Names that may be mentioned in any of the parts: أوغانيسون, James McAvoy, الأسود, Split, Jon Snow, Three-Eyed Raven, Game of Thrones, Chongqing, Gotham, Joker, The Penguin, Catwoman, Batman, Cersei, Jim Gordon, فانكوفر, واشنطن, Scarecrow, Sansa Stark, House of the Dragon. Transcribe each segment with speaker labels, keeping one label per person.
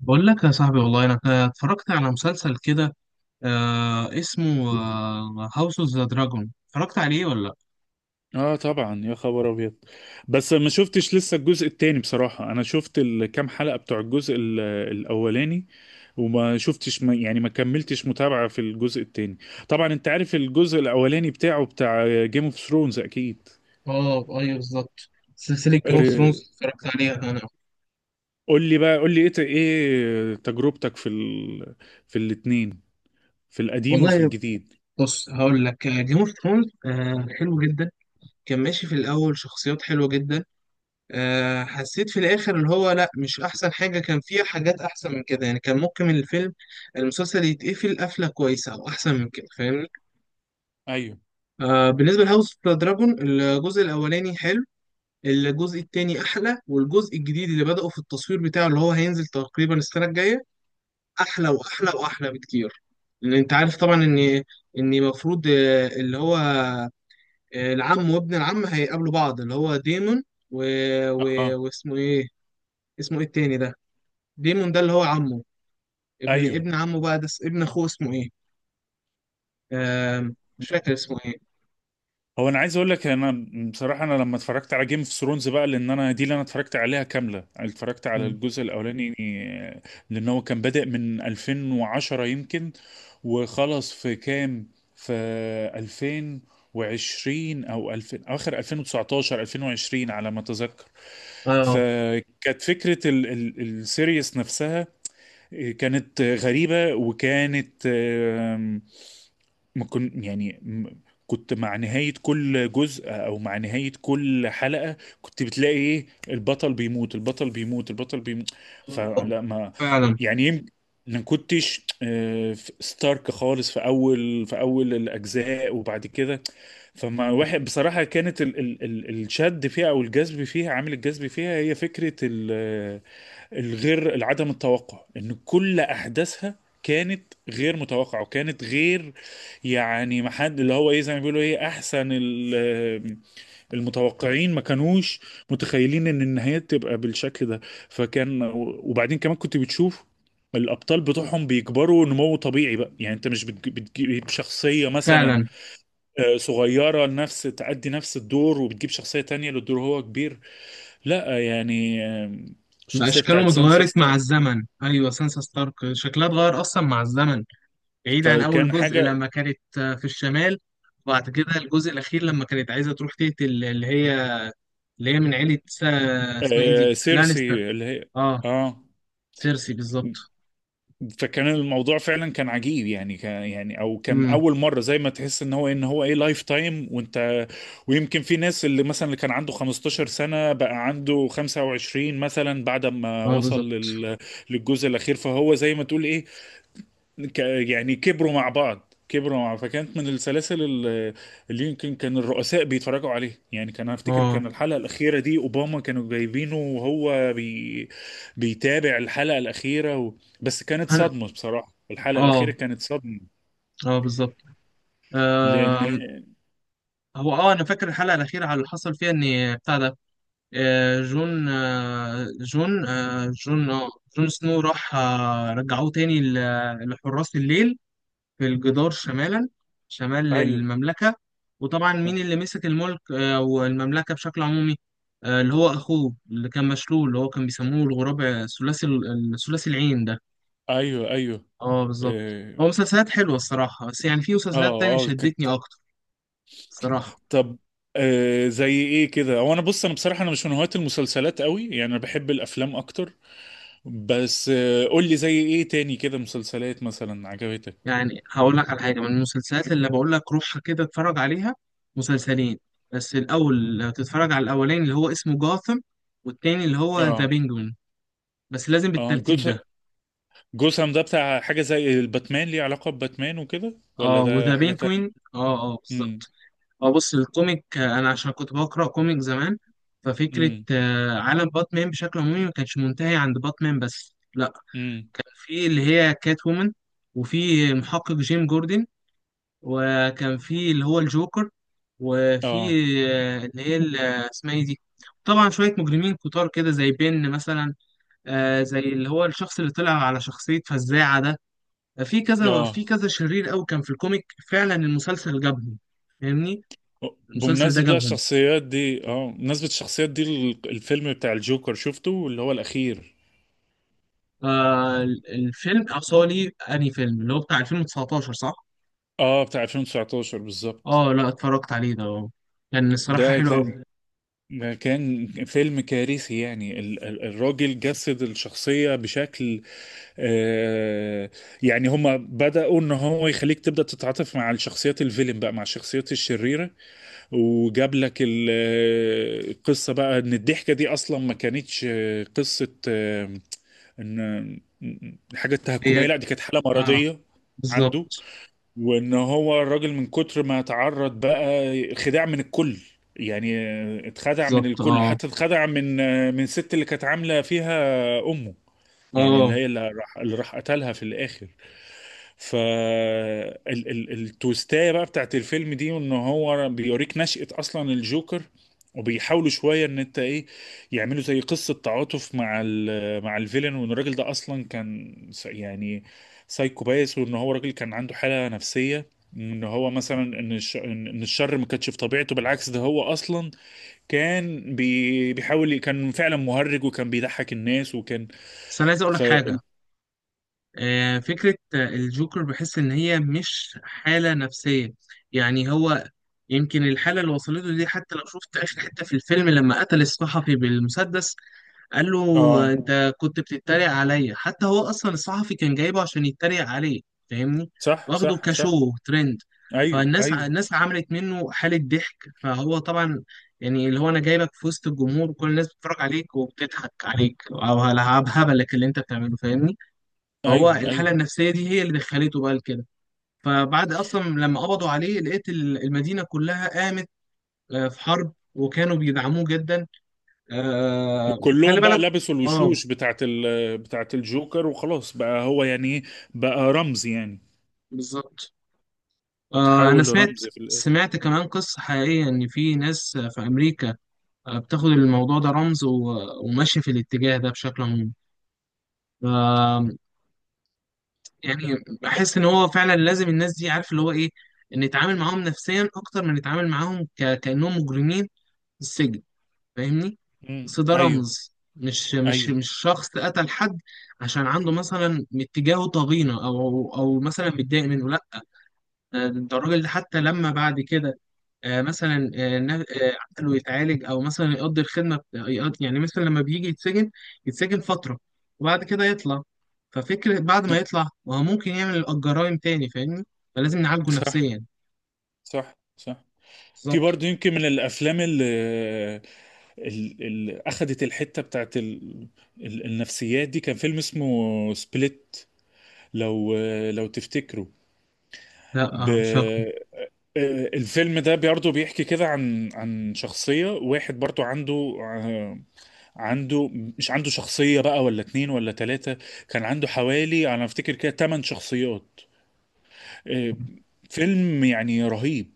Speaker 1: بقول لك يا صاحبي، والله انا اتفرجت على مسلسل كده. اسمه هاوس اوف ذا دراجون، اتفرجت عليه ولا لا؟
Speaker 2: اه طبعا يا خبر ابيض. بس ما شفتش لسه الجزء التاني بصراحة، انا شفت الكام حلقة بتوع الجزء الاولاني. وما شفتش، ما يعني ما كملتش متابعة في الجزء التاني. طبعا انت عارف الجزء الاولاني بتاعه بتاع جيم اوف ثرونز اكيد.
Speaker 1: اه، ايوه بالظبط. سلسله جيم اوف ثرونز اتفرجت عليها انا.
Speaker 2: قول لي بقى، قول لي ايه تجربتك في في الاتنين، في القديم وفي
Speaker 1: والله،
Speaker 2: الجديد؟
Speaker 1: بص هقول لك، جيم اوف ثرونز حلو جدا. كان ماشي في الاول، شخصيات حلوه جدا. حسيت في الاخر اللي هو لا، مش احسن حاجه، كان فيها حاجات احسن من كده، يعني كان ممكن الفيلم المسلسل يتقفل قفله كويسه او احسن من كده، فاهمني؟
Speaker 2: ايوه،
Speaker 1: بالنسبه لهاوس اوف ذا دراجون، الجزء الاولاني حلو. الجزء التاني احلى، والجزء الجديد اللي بدأوا في التصوير بتاعه، اللي هو هينزل تقريبا السنة الجاية، احلى واحلى واحلى بكتير. لان انت عارف طبعا ان المفروض، اللي هو، العم وابن العم هيقابلوا بعض، اللي هو ديمون، و... و...
Speaker 2: اه،
Speaker 1: واسمه ايه اسمه ايه التاني ده؟ ديمون ده اللي هو عمه، ابن
Speaker 2: ايوه.
Speaker 1: ابن عمه بقى، ده ابن اخوه، اسمه ايه؟ مش فاكر اسمه ايه.
Speaker 2: هو انا عايز اقول لك، انا بصراحه انا لما اتفرجت على جيم اوف ثرونز بقى، لان انا دي اللي انا اتفرجت عليها كامله. اتفرجت على
Speaker 1: مم.
Speaker 2: الجزء الاولاني، لان هو كان بادئ من 2010 يمكن، وخلص في كام، في 2020 او 2000، اخر 2019 2020 على ما اتذكر.
Speaker 1: اه،
Speaker 2: فكانت فكره ال السيريس نفسها كانت غريبة، وكانت، ما كنت يعني م- كنت مع نهاية كل جزء أو مع نهاية كل حلقة كنت بتلاقي إيه، البطل بيموت، البطل بيموت، البطل بيموت.
Speaker 1: آه،
Speaker 2: فلا، ما
Speaker 1: فعلا
Speaker 2: يعني، يمكن ما كنتش ستارك خالص في أول الأجزاء، وبعد كده فما واحد بصراحة، كانت ال الشد فيها أو الجذب فيها، عامل الجذب فيها هي فكرة العدم التوقع ان كل احداثها كانت غير متوقعه، وكانت غير، يعني ما حد اللي هو ايه، زي ما بيقولوا ايه، احسن المتوقعين ما كانوش متخيلين ان النهايات تبقى بالشكل ده. فكان، وبعدين كمان كنت بتشوف الابطال بتوعهم بيكبروا نمو طبيعي بقى. يعني انت مش بتجيب شخصيه مثلا،
Speaker 1: فعلا.
Speaker 2: صغيره، نفس تأدي نفس الدور، وبتجيب شخصيه تانية للدور هو كبير، لا. يعني
Speaker 1: بقى
Speaker 2: الشخصيه
Speaker 1: اشكالهم
Speaker 2: بتاعت سانسا
Speaker 1: اتغيرت مع
Speaker 2: ستار،
Speaker 1: الزمن، ايوه سانسا ستارك شكلها اتغير اصلا مع الزمن. بعيد عن اول
Speaker 2: فكان
Speaker 1: جزء
Speaker 2: حاجة.
Speaker 1: لما كانت في الشمال. وبعد كده الجزء الاخير لما كانت عايزه تروح تقتل اللي هي، من عيله اسمها ايه دي،
Speaker 2: آه
Speaker 1: لانستر.
Speaker 2: سيرسي اللي هي.
Speaker 1: اه،
Speaker 2: اه.
Speaker 1: سيرسي بالظبط.
Speaker 2: فكان الموضوع فعلا كان عجيب، يعني كان، يعني او كان
Speaker 1: امم،
Speaker 2: اول مره زي ما تحس ان هو إيه، ان هو ايه لايف تايم، وانت ويمكن في ناس اللي مثلا اللي كان عنده 15 سنه بقى عنده 25 مثلا، بعد ما
Speaker 1: اه بالظبط.
Speaker 2: وصل للجزء الاخير، فهو زي ما تقول ايه، ك- يعني كبروا مع بعض، كبروا مع فكانت من السلاسل اللي يمكن كان الرؤساء بيتفرجوا عليه. يعني كان، افتكر
Speaker 1: اه
Speaker 2: كان الحلقة الأخيرة دي أوباما كانوا جايبينه وهو بيتابع الحلقة الأخيرة. بس كانت
Speaker 1: انا،
Speaker 2: صدمة بصراحة، الحلقة الأخيرة
Speaker 1: اه
Speaker 2: كانت صدمة
Speaker 1: اه بالظبط. آم،
Speaker 2: لأن...
Speaker 1: هو اه، انا فاكر الحلقه الاخيره على اللي حصل فيها، ان بتاع ده، آه، جون آه، جون آه، جون آه، جون سنو راح، رجعوه تاني لحراس الليل في الجدار شمالا، شمال
Speaker 2: أيوه،
Speaker 1: المملكة. وطبعا مين اللي مسك الملك والمملكة بشكل عمومي؟ اللي هو أخوه اللي كان مشلول، اللي هو كان بيسموه الغراب، ثلاثي ثلاثي العين ده.
Speaker 2: أيوه، أيوه،
Speaker 1: اه بالظبط.
Speaker 2: آه،
Speaker 1: هو مسلسلات حلوة الصراحة، بس يعني في
Speaker 2: آه،
Speaker 1: مسلسلات تانية
Speaker 2: آه، كنت.
Speaker 1: شدتني أكتر الصراحة.
Speaker 2: طب، زي إيه كده؟ هو أنا بص، أنا بصراحة أنا مش من هواة المسلسلات قوي، يعني أنا بحب الأفلام أكتر. بس قول لي زي ايه تاني كده مسلسلات مثلا عجبتك؟
Speaker 1: يعني هقول لك على حاجه من المسلسلات، اللي بقول لك روحها كده اتفرج عليها، مسلسلين. بس الاول لو تتفرج على الاولاني اللي هو اسمه جاثم، والتاني اللي هو ذا
Speaker 2: اه،
Speaker 1: بينجوين. بس لازم
Speaker 2: اه.
Speaker 1: بالترتيب ده.
Speaker 2: جوسام ده بتاع حاجة زي الباتمان؟ ليه علاقة بباتمان وكده، ولا
Speaker 1: اه،
Speaker 2: ده
Speaker 1: وذا
Speaker 2: حاجة تانية؟
Speaker 1: بينجوين، اه اه
Speaker 2: امم،
Speaker 1: بالظبط. اه، بص الكوميك، انا عشان كنت بقرا كوميك زمان، ففكره
Speaker 2: امم،
Speaker 1: عالم باتمان بشكل عمومي ما كانش منتهي عند باتمان بس، لا،
Speaker 2: امم،
Speaker 1: كان في اللي هي كات وومن، وفي محقق جيم جوردن، وكان في اللي هو الجوكر، وفي
Speaker 2: اه،
Speaker 1: اللي هي اسمها ايه دي، طبعا شوية مجرمين كتار كده زي بن مثلا، زي اللي هو الشخص اللي طلع على شخصية فزاعة ده، في كذا في
Speaker 2: اه.
Speaker 1: كذا شرير قوي كان في الكوميك، فعلا المسلسل جابهم، فاهمني؟ المسلسل ده
Speaker 2: بمناسبة بقى
Speaker 1: جابهم.
Speaker 2: الشخصيات دي، اه، بمناسبة الشخصيات دي الفيلم بتاع الجوكر شفته اللي هو الأخير؟
Speaker 1: الفيلم أصالي أنهي فيلم، اللي هو بتاع 2019 صح؟
Speaker 2: اه، بتاع 2019 بالظبط.
Speaker 1: اه لا، اتفرجت عليه ده اه. كان الصراحة
Speaker 2: ده
Speaker 1: حلو
Speaker 2: كان
Speaker 1: قوي.
Speaker 2: ده كان فيلم كارثي يعني، الراجل جسد الشخصية بشكل، آه، يعني هما بدأوا ان هو يخليك تبدأ تتعاطف مع الشخصيات الفيلم بقى، مع الشخصيات الشريرة، وجاب لك القصة بقى ان الضحكة دي اصلا ما كانتش قصة، ان حاجة تهكمية،
Speaker 1: هي
Speaker 2: لا دي كانت حالة
Speaker 1: اه
Speaker 2: مرضية عنده.
Speaker 1: بالظبط.
Speaker 2: وان هو الراجل من كتر ما تعرض بقى خداع من الكل، يعني اتخدع من
Speaker 1: بالظبط.
Speaker 2: الكل،
Speaker 1: اه
Speaker 2: حتى اتخدع من، من الست اللي كانت عاملة فيها امه، يعني اللي
Speaker 1: اه.
Speaker 2: هي، اللي راح، اللي راح قتلها في الاخر. ف التويستايه بقى بتاعت الفيلم دي ان هو بيوريك نشأة اصلا الجوكر، وبيحاولوا شويه ان انت ايه، يعملوا زي قصه تعاطف مع مع الفيلن، وان الراجل ده اصلا كان يعني سايكو بايس، وان هو راجل كان عنده حاله نفسيه، ان هو مثلا ان إن الشر ما كانش في طبيعته، بالعكس ده هو اصلا كان بيحاول، كان فعلا مهرج وكان بيضحك الناس، وكان.
Speaker 1: بس انا عايز اقول لك حاجه، فكرة الجوكر، بحس إن هي مش حالة نفسية. يعني هو، يمكن الحالة اللي وصلته دي، حتى لو شفت آخر حتة في الفيلم لما قتل الصحفي بالمسدس قال له
Speaker 2: اه،
Speaker 1: أنت كنت بتتريق عليا، حتى هو أصلا الصحفي كان جايبه عشان يتريق عليه، فاهمني؟
Speaker 2: صح،
Speaker 1: واخده
Speaker 2: صح، صح،
Speaker 1: كشو ترند.
Speaker 2: ايوه،
Speaker 1: فالناس
Speaker 2: ايوه،
Speaker 1: الناس عملت منه حالة ضحك، فهو طبعا، يعني اللي هو أنا جايبك في وسط الجمهور وكل الناس بتتفرج عليك وبتضحك عليك، أو على هبلك اللي أنت بتعمله، فاهمني؟ هو
Speaker 2: ايوه،
Speaker 1: الحالة
Speaker 2: ايوه.
Speaker 1: النفسية دي هي اللي دخلته بقى لكده. فبعد أصلا لما قبضوا عليه، لقيت المدينة كلها قامت في حرب، وكانوا بيدعموه جدا. آه، خلي
Speaker 2: وكلهم بقى
Speaker 1: بالك.
Speaker 2: لبسوا
Speaker 1: اه
Speaker 2: الوشوش بتاعت بتاعت الجوكر، وخلاص بقى هو يعني ايه، بقى رمز يعني،
Speaker 1: بالظبط. أنا
Speaker 2: اتحول
Speaker 1: سمعت،
Speaker 2: لرمز في الاخر.
Speaker 1: سمعت كمان قصة حقيقية إن في ناس في أمريكا بتاخد الموضوع ده رمز، وماشية في الاتجاه ده بشكل عام. ف- يعني، بحس إن هو فعلا لازم الناس دي، عارف اللي هو إيه، نتعامل معاهم نفسيا أكتر من نتعامل معاهم كأنهم مجرمين في السجن، فاهمني؟
Speaker 2: أمم،
Speaker 1: اصل ده
Speaker 2: ايوه،
Speaker 1: رمز،
Speaker 2: ايوه،
Speaker 1: مش شخص قتل حد عشان عنده مثلا اتجاهه طغينه، او مثلا متضايق منه، لا، ده الراجل ده حتى لما بعد كده مثلا عقله يتعالج، او مثلا يقضي الخدمه يعني مثلا لما بيجي يتسجن، يتسجن فتره وبعد كده يطلع، ففكره بعد ما يطلع وهو ممكن يعمل الجرائم تاني، فاهمني؟ فلازم نعالجه
Speaker 2: صح،
Speaker 1: نفسيا.
Speaker 2: صح، صح. في
Speaker 1: بالظبط.
Speaker 2: برضه يمكن من الافلام اللي اخذت الحته بتاعت النفسيات دي، كان فيلم اسمه سبليت. لو، لو تفتكروا.
Speaker 1: لا
Speaker 2: ب...
Speaker 1: مش هقدر.
Speaker 2: آه، الفيلم ده برضه بيحكي كده عن شخصية واحد برضه آه، عنده، مش عنده شخصية بقى ولا اتنين ولا تلاتة، كان عنده حوالي، أنا أفتكر كده، تمن شخصيات. آه، فيلم يعني رهيب،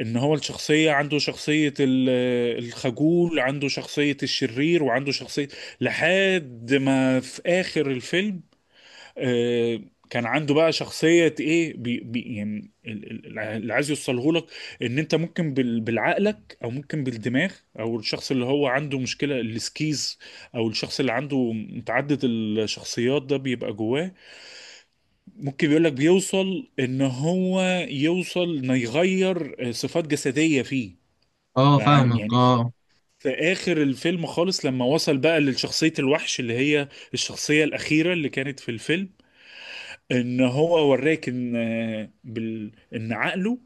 Speaker 2: إن هو الشخصية عنده شخصية الخجول، عنده شخصية الشرير، وعنده شخصية، لحد ما في آخر الفيلم آه، كان عنده بقى شخصية ايه، بي بي يعني اللي عايز يوصله لك، ان انت ممكن بالعقلك او ممكن بالدماغ، او الشخص اللي هو عنده مشكلة السكيز، او الشخص اللي عنده متعدد الشخصيات ده بيبقى جواه، ممكن، بيقول لك بيوصل ان هو يوصل انه يغير صفات جسدية فيه.
Speaker 1: اه فاهمك
Speaker 2: يعني
Speaker 1: اه.
Speaker 2: في اخر الفيلم خالص لما وصل بقى لشخصية الوحش، اللي هي الشخصية الأخيرة اللي كانت في الفيلم، ان هو وراك ان، ان عقله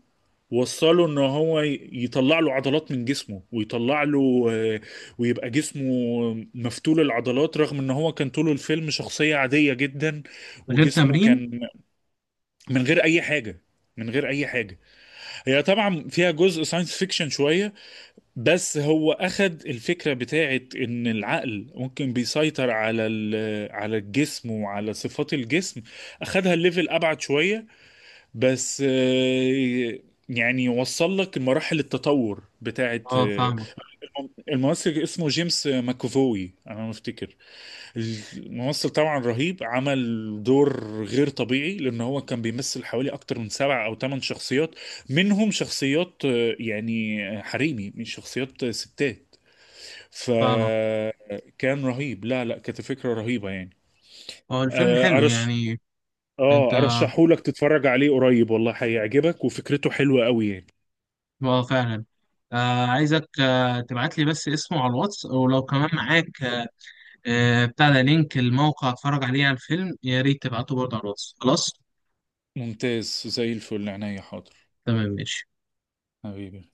Speaker 2: وصله ان هو يطلع له عضلات من جسمه، ويطلع له، ويبقى جسمه مفتول العضلات، رغم ان هو كان طول الفيلم شخصية عادية جدا،
Speaker 1: من غير
Speaker 2: وجسمه
Speaker 1: تمرين.
Speaker 2: كان من غير اي حاجة، من غير اي حاجة. هي طبعا فيها جزء ساينس فيكشن شوية، بس هو اخد الفكرة بتاعت ان العقل ممكن بيسيطر على على الجسم وعلى صفات الجسم، اخدها الليفل ابعد شوية. بس يعني وصل لك مراحل التطور بتاعت
Speaker 1: اه فاهمك
Speaker 2: الممثل اسمه جيمس ماكوفوي، انا ما افتكر، الممثل طبعا رهيب، عمل دور غير طبيعي لان هو كان بيمثل حوالي اكتر من سبع او ثمان شخصيات، منهم شخصيات يعني حريمي، من شخصيات ستات،
Speaker 1: فاهمك.
Speaker 2: فكان رهيب، لا لا كانت فكرة رهيبة يعني.
Speaker 1: هو الفيلم
Speaker 2: آه،
Speaker 1: حلو
Speaker 2: ارش
Speaker 1: يعني؟
Speaker 2: اه
Speaker 1: انت اه،
Speaker 2: ارشحهولك تتفرج عليه قريب، والله هيعجبك، وفكرته حلوة قوي يعني.
Speaker 1: فعلا. آه عايزك تبعت لي بس اسمه على الواتس، ولو كمان معاك بتاع ده، لينك الموقع اتفرج عليه على الفيلم، يا ريت تبعته برضه على الواتس. خلاص،
Speaker 2: ممتاز زي الفل، عينيا، حاضر،
Speaker 1: تمام ماشي.
Speaker 2: حبيبي.